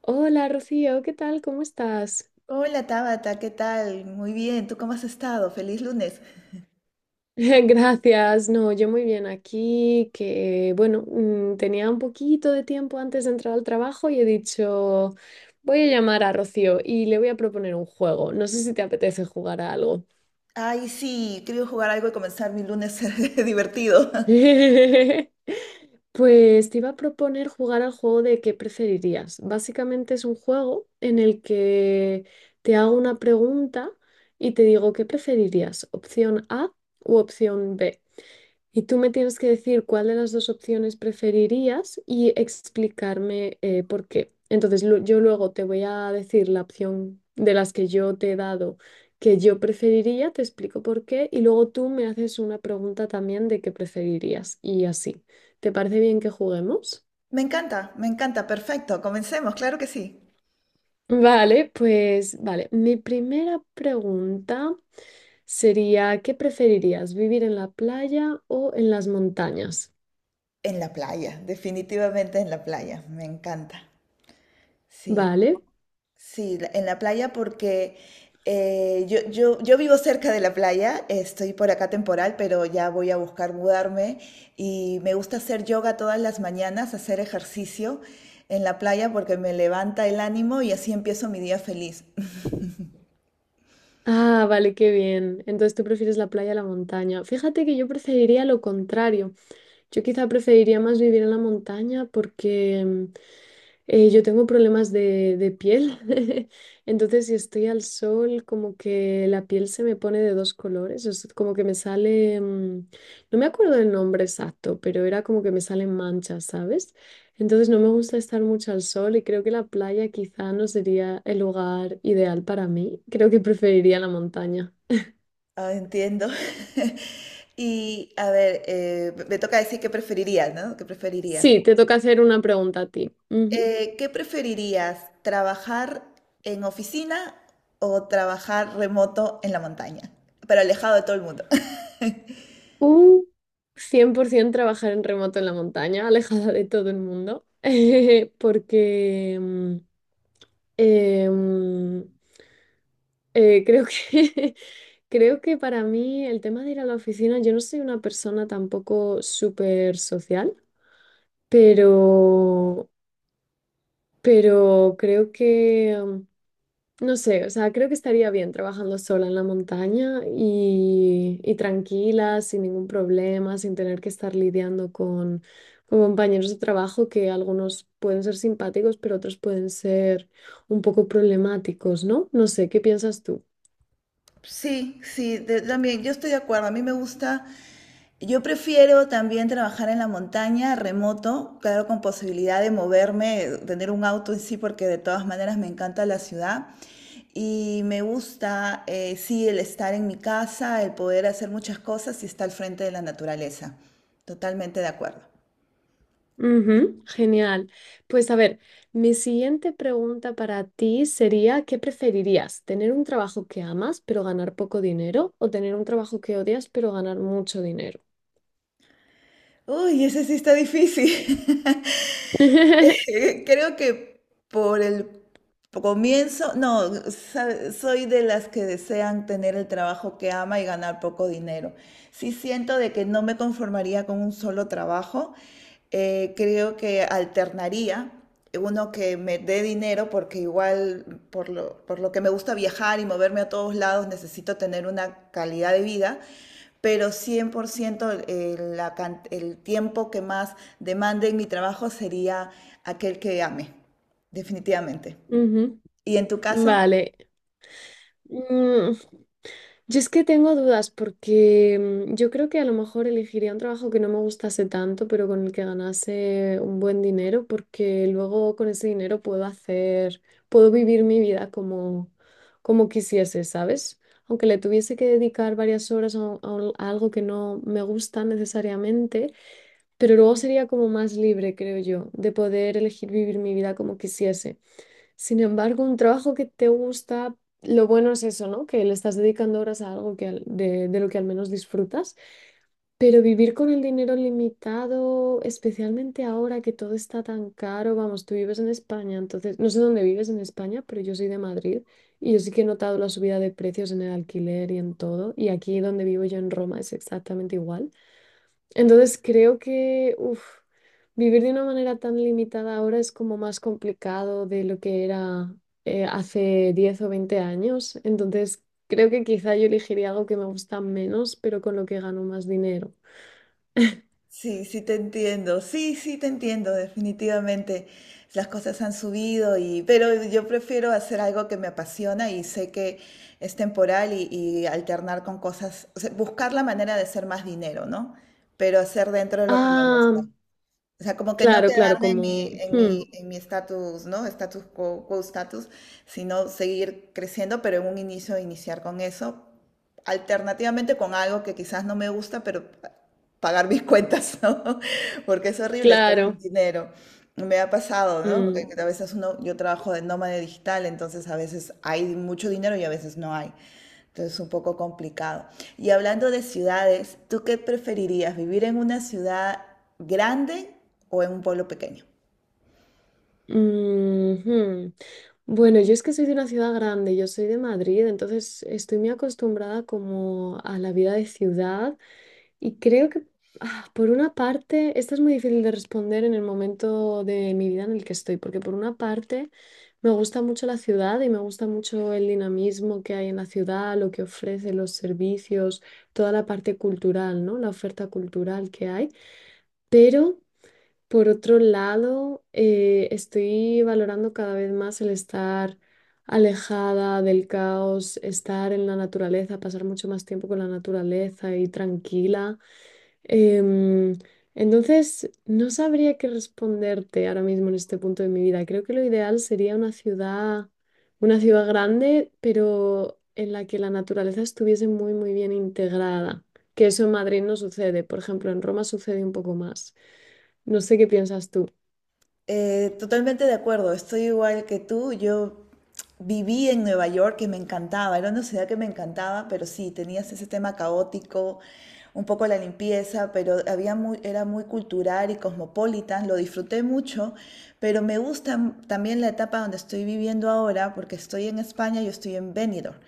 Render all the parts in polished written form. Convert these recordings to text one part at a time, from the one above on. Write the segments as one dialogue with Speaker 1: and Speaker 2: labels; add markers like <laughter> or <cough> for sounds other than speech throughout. Speaker 1: Hola Rocío, ¿qué tal? ¿Cómo estás?
Speaker 2: Hola Tabata, ¿qué tal? Muy bien, ¿tú cómo has estado? Feliz lunes.
Speaker 1: <laughs> Gracias, no, yo muy bien aquí, que bueno, tenía un poquito de tiempo antes de entrar al trabajo y he dicho, voy a llamar a Rocío y le voy a proponer un juego. No sé si te apetece jugar a algo.
Speaker 2: Ay, sí, quiero jugar algo y comenzar mi lunes <laughs> divertido.
Speaker 1: <laughs> Pues te iba a proponer jugar al juego de qué preferirías. Básicamente es un juego en el que te hago una pregunta y te digo qué preferirías, opción A u opción B. Y tú me tienes que decir cuál de las dos opciones preferirías y explicarme por qué. Entonces, yo luego te voy a decir la opción de las que yo te he dado que yo preferiría, te explico por qué, y luego tú me haces una pregunta también de qué preferirías y así. ¿Te parece bien que juguemos?
Speaker 2: Me encanta, perfecto, comencemos, claro que sí.
Speaker 1: Vale, pues vale. Mi primera pregunta sería, ¿qué preferirías, vivir en la playa o en las montañas?
Speaker 2: En la playa, definitivamente en la playa, me encanta. Sí.
Speaker 1: Vale.
Speaker 2: Sí, en la playa porque yo vivo cerca de la playa, estoy por acá temporal, pero ya voy a buscar mudarme y me gusta hacer yoga todas las mañanas, hacer ejercicio en la playa porque me levanta el ánimo y así empiezo mi día feliz.
Speaker 1: Ah, vale, qué bien. Entonces tú prefieres la playa a la montaña. Fíjate que yo preferiría lo contrario. Yo quizá preferiría más vivir en la montaña porque yo tengo problemas de piel, <laughs> entonces si estoy al sol, como que la piel se me pone de dos colores, es como que me sale, no me acuerdo del nombre exacto, pero era como que me salen manchas, ¿sabes? Entonces no me gusta estar mucho al sol y creo que la playa quizá no sería el lugar ideal para mí, creo que preferiría la montaña.
Speaker 2: Ah, entiendo. <laughs> Y a ver, me toca decir qué preferirías, ¿no? ¿Qué preferirías?
Speaker 1: Sí, te toca hacer una pregunta a ti.
Speaker 2: ¿Qué preferirías, trabajar en oficina o trabajar remoto en la montaña, pero alejado de todo el mundo? <laughs>
Speaker 1: Uh, 100% trabajar en remoto en la montaña, alejada de todo el mundo, <laughs> porque eh, mm, creo que, <laughs> creo que para mí el tema de ir a la oficina, yo no soy una persona tampoco súper social, pero, pero creo que no sé, o sea, creo que estaría bien trabajando sola en la montaña y tranquila, sin ningún problema, sin tener que estar lidiando con compañeros de trabajo que algunos pueden ser simpáticos, pero otros pueden ser un poco problemáticos, ¿no? No sé, ¿qué piensas tú?
Speaker 2: Sí, sí, también yo estoy de acuerdo. A mí me gusta, yo prefiero también trabajar en la montaña, remoto, claro, con posibilidad de moverme, tener un auto en sí, porque de todas maneras me encanta la ciudad. Y me gusta, sí, el estar en mi casa, el poder hacer muchas cosas y estar al frente de la naturaleza. Totalmente de acuerdo.
Speaker 1: Ujú, genial. Pues a ver, mi siguiente pregunta para ti sería, ¿qué preferirías? ¿Tener un trabajo que amas pero ganar poco dinero o tener un trabajo que odias pero ganar mucho dinero?
Speaker 2: Uy, ese sí está difícil. <laughs>
Speaker 1: <laughs>
Speaker 2: Creo que por el comienzo, no, soy de las que desean tener el trabajo que ama y ganar poco dinero. Sí siento de que no me conformaría con un solo trabajo. Creo que alternaría uno que me dé dinero porque igual por lo que me gusta viajar y moverme a todos lados necesito tener una calidad de vida, pero 100% el tiempo que más demande en mi trabajo sería aquel que ame, definitivamente.
Speaker 1: Ujú.
Speaker 2: ¿Y en tu caso?
Speaker 1: Vale. Mm, yo es que tengo dudas porque yo creo que a lo mejor elegiría un trabajo que no me gustase tanto, pero con el que ganase un buen dinero, porque luego con ese dinero puedo hacer, puedo vivir mi vida como, como quisiese, ¿sabes? Aunque le tuviese que dedicar varias horas a a algo que no me gusta necesariamente, pero luego sería como más libre, creo yo, de poder elegir vivir mi vida como quisiese. Sin embargo, un trabajo que te gusta, lo bueno es eso, ¿no? Que le estás dedicando horas a algo que de lo que al menos disfrutas. Pero vivir con el dinero limitado, especialmente ahora que todo está tan caro, vamos, tú vives en España, entonces, no sé dónde vives en España, pero yo soy de Madrid y yo sí que he notado la subida de precios en el alquiler y en todo. Y aquí donde vivo yo en Roma es exactamente igual. Entonces creo que uf, vivir de una manera tan limitada ahora es como más complicado de lo que era hace 10 o 20 años. Entonces creo que quizá yo elegiría algo que me gusta menos, pero con lo que gano más dinero.
Speaker 2: Sí, sí te entiendo, sí, sí te entiendo, definitivamente. Las cosas han subido y, pero yo prefiero hacer algo que me apasiona y sé que es temporal y alternar con cosas, o sea, buscar la manera de hacer más dinero, ¿no? Pero hacer dentro de lo que me gusta.
Speaker 1: Ah,
Speaker 2: O sea, como que no
Speaker 1: claro, claro,
Speaker 2: quedarme en mi,
Speaker 1: como...
Speaker 2: en mi,
Speaker 1: hmm,
Speaker 2: en mi status, ¿no? Status quo, quo status, sino seguir creciendo, pero en un inicio iniciar con eso, alternativamente con algo que quizás no me gusta, pero pagar mis cuentas, ¿no? <laughs> Porque es horrible estar sin
Speaker 1: claro.
Speaker 2: dinero. Me ha pasado, ¿no? Porque
Speaker 1: mm,
Speaker 2: a veces uno, yo trabajo de nómada digital, entonces a veces hay mucho dinero y a veces no hay. Entonces, es un poco complicado. Y hablando de ciudades, ¿tú qué preferirías? ¿Vivir en una ciudad grande o en un pueblo pequeño?
Speaker 1: mm, hmm. Bueno, yo es que soy de una ciudad grande, yo soy de Madrid, entonces estoy muy acostumbrada como a la vida de ciudad. Y creo que, ah, por una parte, esta es muy difícil de responder en el momento de mi vida en el que estoy, porque por una parte me gusta mucho la ciudad y me gusta mucho el dinamismo que hay en la ciudad, lo que ofrece, los servicios, toda la parte cultural, ¿no? La oferta cultural que hay. Pero, por otro lado, estoy valorando cada vez más el estar alejada del caos, estar en la naturaleza, pasar mucho más tiempo con la naturaleza y tranquila. Em, entonces, no sabría qué responderte ahora mismo en este punto de mi vida. Creo que lo ideal sería una ciudad grande, pero en la que la naturaleza estuviese muy, muy bien integrada. Que eso en Madrid no sucede. Por ejemplo, en Roma sucede un poco más. No sé qué piensas tú.
Speaker 2: Totalmente de acuerdo, estoy igual que tú. Yo viví en Nueva York, que me encantaba, era una ciudad que me encantaba, pero sí, tenías ese tema caótico, un poco la limpieza, pero había muy, era muy cultural y cosmopolitan, lo disfruté mucho, pero me gusta también la etapa donde estoy viviendo ahora, porque estoy en España, yo estoy en Benidorm.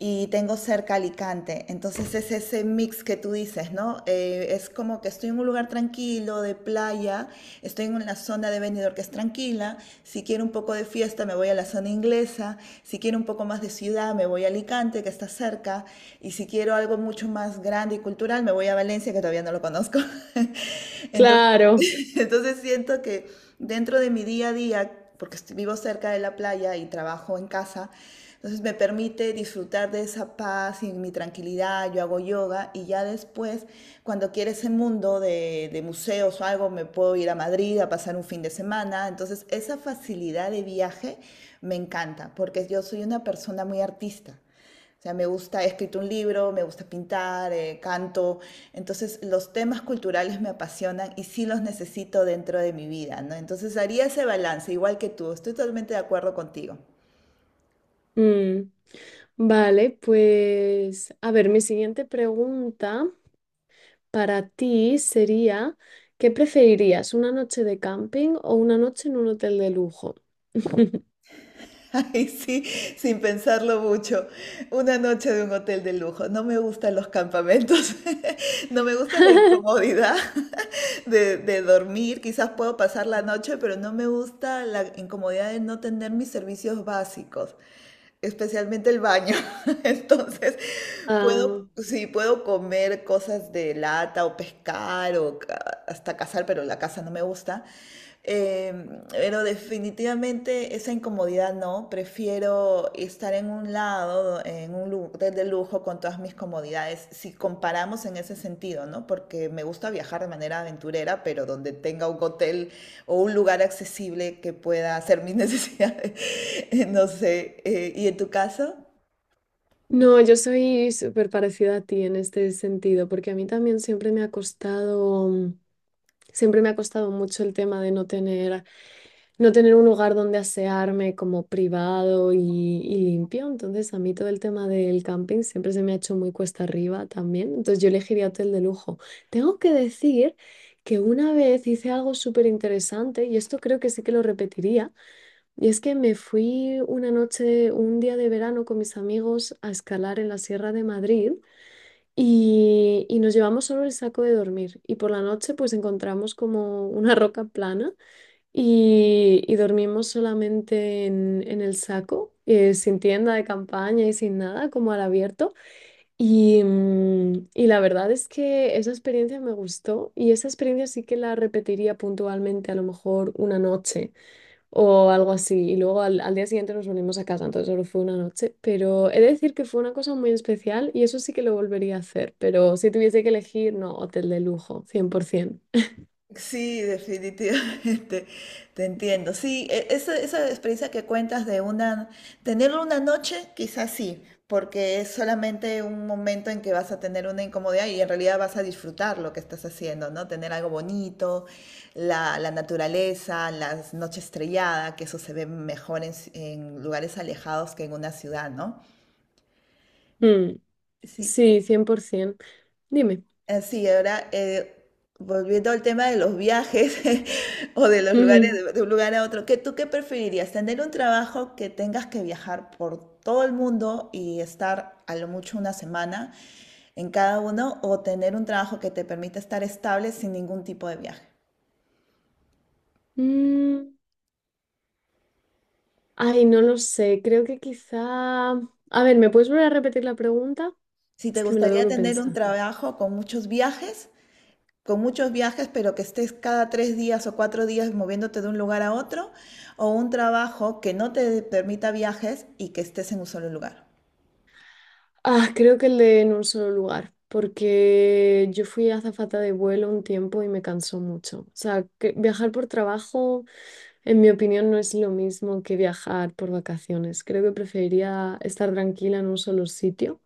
Speaker 2: Y tengo cerca Alicante. Entonces es ese mix que tú dices, ¿no? Es como que estoy en un lugar tranquilo, de playa, estoy en una zona de Benidorm que es tranquila, si quiero un poco de fiesta me voy a la zona inglesa, si quiero un poco más de ciudad me voy a Alicante, que está cerca, y si quiero algo mucho más grande y cultural me voy a Valencia, que todavía no lo conozco. <laughs> Entonces,
Speaker 1: Claro.
Speaker 2: <laughs> entonces siento que dentro de mi día a día, porque vivo cerca de la playa y trabajo en casa, entonces me permite disfrutar de esa paz y mi tranquilidad, yo hago yoga y ya después, cuando quiero ese mundo de museos o algo, me puedo ir a Madrid a pasar un fin de semana. Entonces esa facilidad de viaje me encanta, porque yo soy una persona muy artista. O sea, me gusta, he escrito un libro, me gusta pintar, canto. Entonces, los temas culturales me apasionan y sí los necesito dentro de mi vida, ¿no? Entonces, haría ese balance, igual que tú. Estoy totalmente de acuerdo contigo.
Speaker 1: Mm. Vale, pues a ver, mi siguiente pregunta para ti sería, ¿qué preferirías? ¿Una noche de camping o una noche en un hotel de lujo? <laughs>
Speaker 2: <laughs> Ay, sí, sin pensarlo mucho. Una noche de un hotel de lujo. No me gustan los campamentos. <laughs> No me gusta la incomodidad <laughs> de dormir. Quizás puedo pasar la noche, pero no me gusta la incomodidad de no tener mis servicios básicos, especialmente el baño. <laughs> Entonces,
Speaker 1: Ah,
Speaker 2: puedo, sí, puedo comer cosas de lata o pescar o hasta cazar, pero la caza no me gusta. Pero definitivamente esa incomodidad no, prefiero estar en un lado, en un hotel de lujo con todas mis comodidades, si comparamos en ese sentido, ¿no? Porque me gusta viajar de manera aventurera, pero donde tenga un hotel o un lugar accesible que pueda hacer mis <laughs> necesidades, no sé. ¿Y en tu caso?
Speaker 1: no, yo soy súper parecida a ti en este sentido, porque a mí también siempre me ha costado, siempre me ha costado mucho el tema de no tener no tener un lugar donde asearme como privado y limpio. Entonces, a mí todo el tema del camping siempre se me ha hecho muy cuesta arriba también. Entonces, yo elegiría hotel de lujo. Tengo que decir que una vez hice algo súper interesante y esto creo que sí que lo repetiría. Y es que me fui una noche, un día de verano con mis amigos a escalar en la Sierra de Madrid. Y nos llevamos solo el saco de dormir y por la noche pues encontramos como una roca plana y dormimos solamente en el saco, sin tienda de campaña y sin nada, como al abierto. Y, y la verdad es que esa experiencia me gustó y esa experiencia sí que la repetiría puntualmente, a lo mejor una noche o algo así. Y luego al, al día siguiente nos volvimos a casa, entonces solo fue una noche. Pero he de decir que fue una cosa muy especial y eso sí que lo volvería a hacer. Pero si tuviese que elegir, no, hotel de lujo, 100%.
Speaker 2: Sí, definitivamente, <laughs> te entiendo. Sí, esa, esa experiencia que cuentas de una, tenerlo una noche, quizás sí, porque es solamente un momento en que vas a tener una incomodidad y en realidad vas a disfrutar lo que estás haciendo, ¿no? Tener algo bonito, la naturaleza, las noches estrelladas, que eso se ve mejor en, en lugares alejados que en una ciudad, ¿no?
Speaker 1: Mm,
Speaker 2: Sí.
Speaker 1: sí, 100%.
Speaker 2: Así, ahora volviendo al tema de los viajes <laughs> o de los lugares,
Speaker 1: Dime.
Speaker 2: de un lugar a otro, ¿qué, tú qué preferirías? ¿Tener un trabajo que tengas que viajar por todo el mundo y estar a lo mucho una semana en cada uno, o tener un trabajo que te permita estar estable sin ningún tipo de viaje?
Speaker 1: Mm, ay, no lo sé. Creo que quizá... A ver, ¿me puedes volver a repetir la pregunta?
Speaker 2: Si te
Speaker 1: Es que me lo
Speaker 2: gustaría
Speaker 1: tengo que
Speaker 2: tener un
Speaker 1: pensar.
Speaker 2: trabajo con muchos viajes, con muchos viajes, pero que estés cada 3 días o 4 días moviéndote de un lugar a otro, o un trabajo que no te permita viajes y que estés en un solo lugar.
Speaker 1: Ah, creo que el de en un solo lugar, porque yo fui azafata de vuelo un tiempo y me cansó mucho. O sea, que viajar por trabajo, en mi opinión, no es lo mismo que viajar por vacaciones. Creo que preferiría estar tranquila en un solo sitio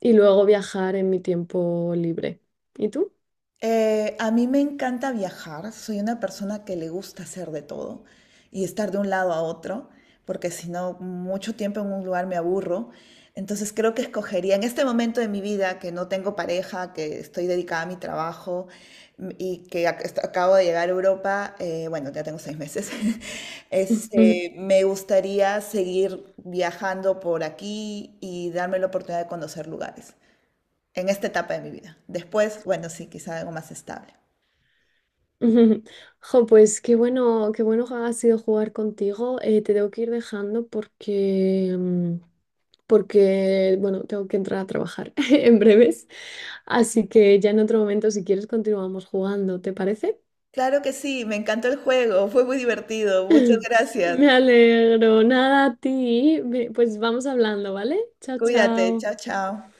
Speaker 1: y luego viajar en mi tiempo libre. ¿Y tú?
Speaker 2: A mí me encanta viajar, soy una persona que le gusta hacer de todo y estar de un lado a otro, porque si no, mucho tiempo en un lugar me aburro. Entonces creo que escogería en este momento de mi vida que no tengo pareja, que estoy dedicada a mi trabajo, y que acabo de llegar a Europa, bueno, ya tengo 6 meses, <laughs> este,
Speaker 1: <laughs>
Speaker 2: me gustaría seguir viajando por aquí y darme la oportunidad de conocer lugares en esta etapa de mi vida. Después, bueno, sí, quizá algo más estable.
Speaker 1: Ujú. Jo, pues qué bueno ha sido jugar contigo. Te tengo que ir dejando porque, porque, bueno, tengo que entrar a trabajar <laughs> en breves. Así que ya en otro momento, si quieres, continuamos jugando, ¿te parece?
Speaker 2: Claro que sí, me encantó el juego, fue muy divertido. Muchas
Speaker 1: <laughs>
Speaker 2: gracias.
Speaker 1: Me alegro. Nada a ti. Pues vamos hablando, ¿vale? Chao,
Speaker 2: Cuídate,
Speaker 1: chao.
Speaker 2: chao, chao.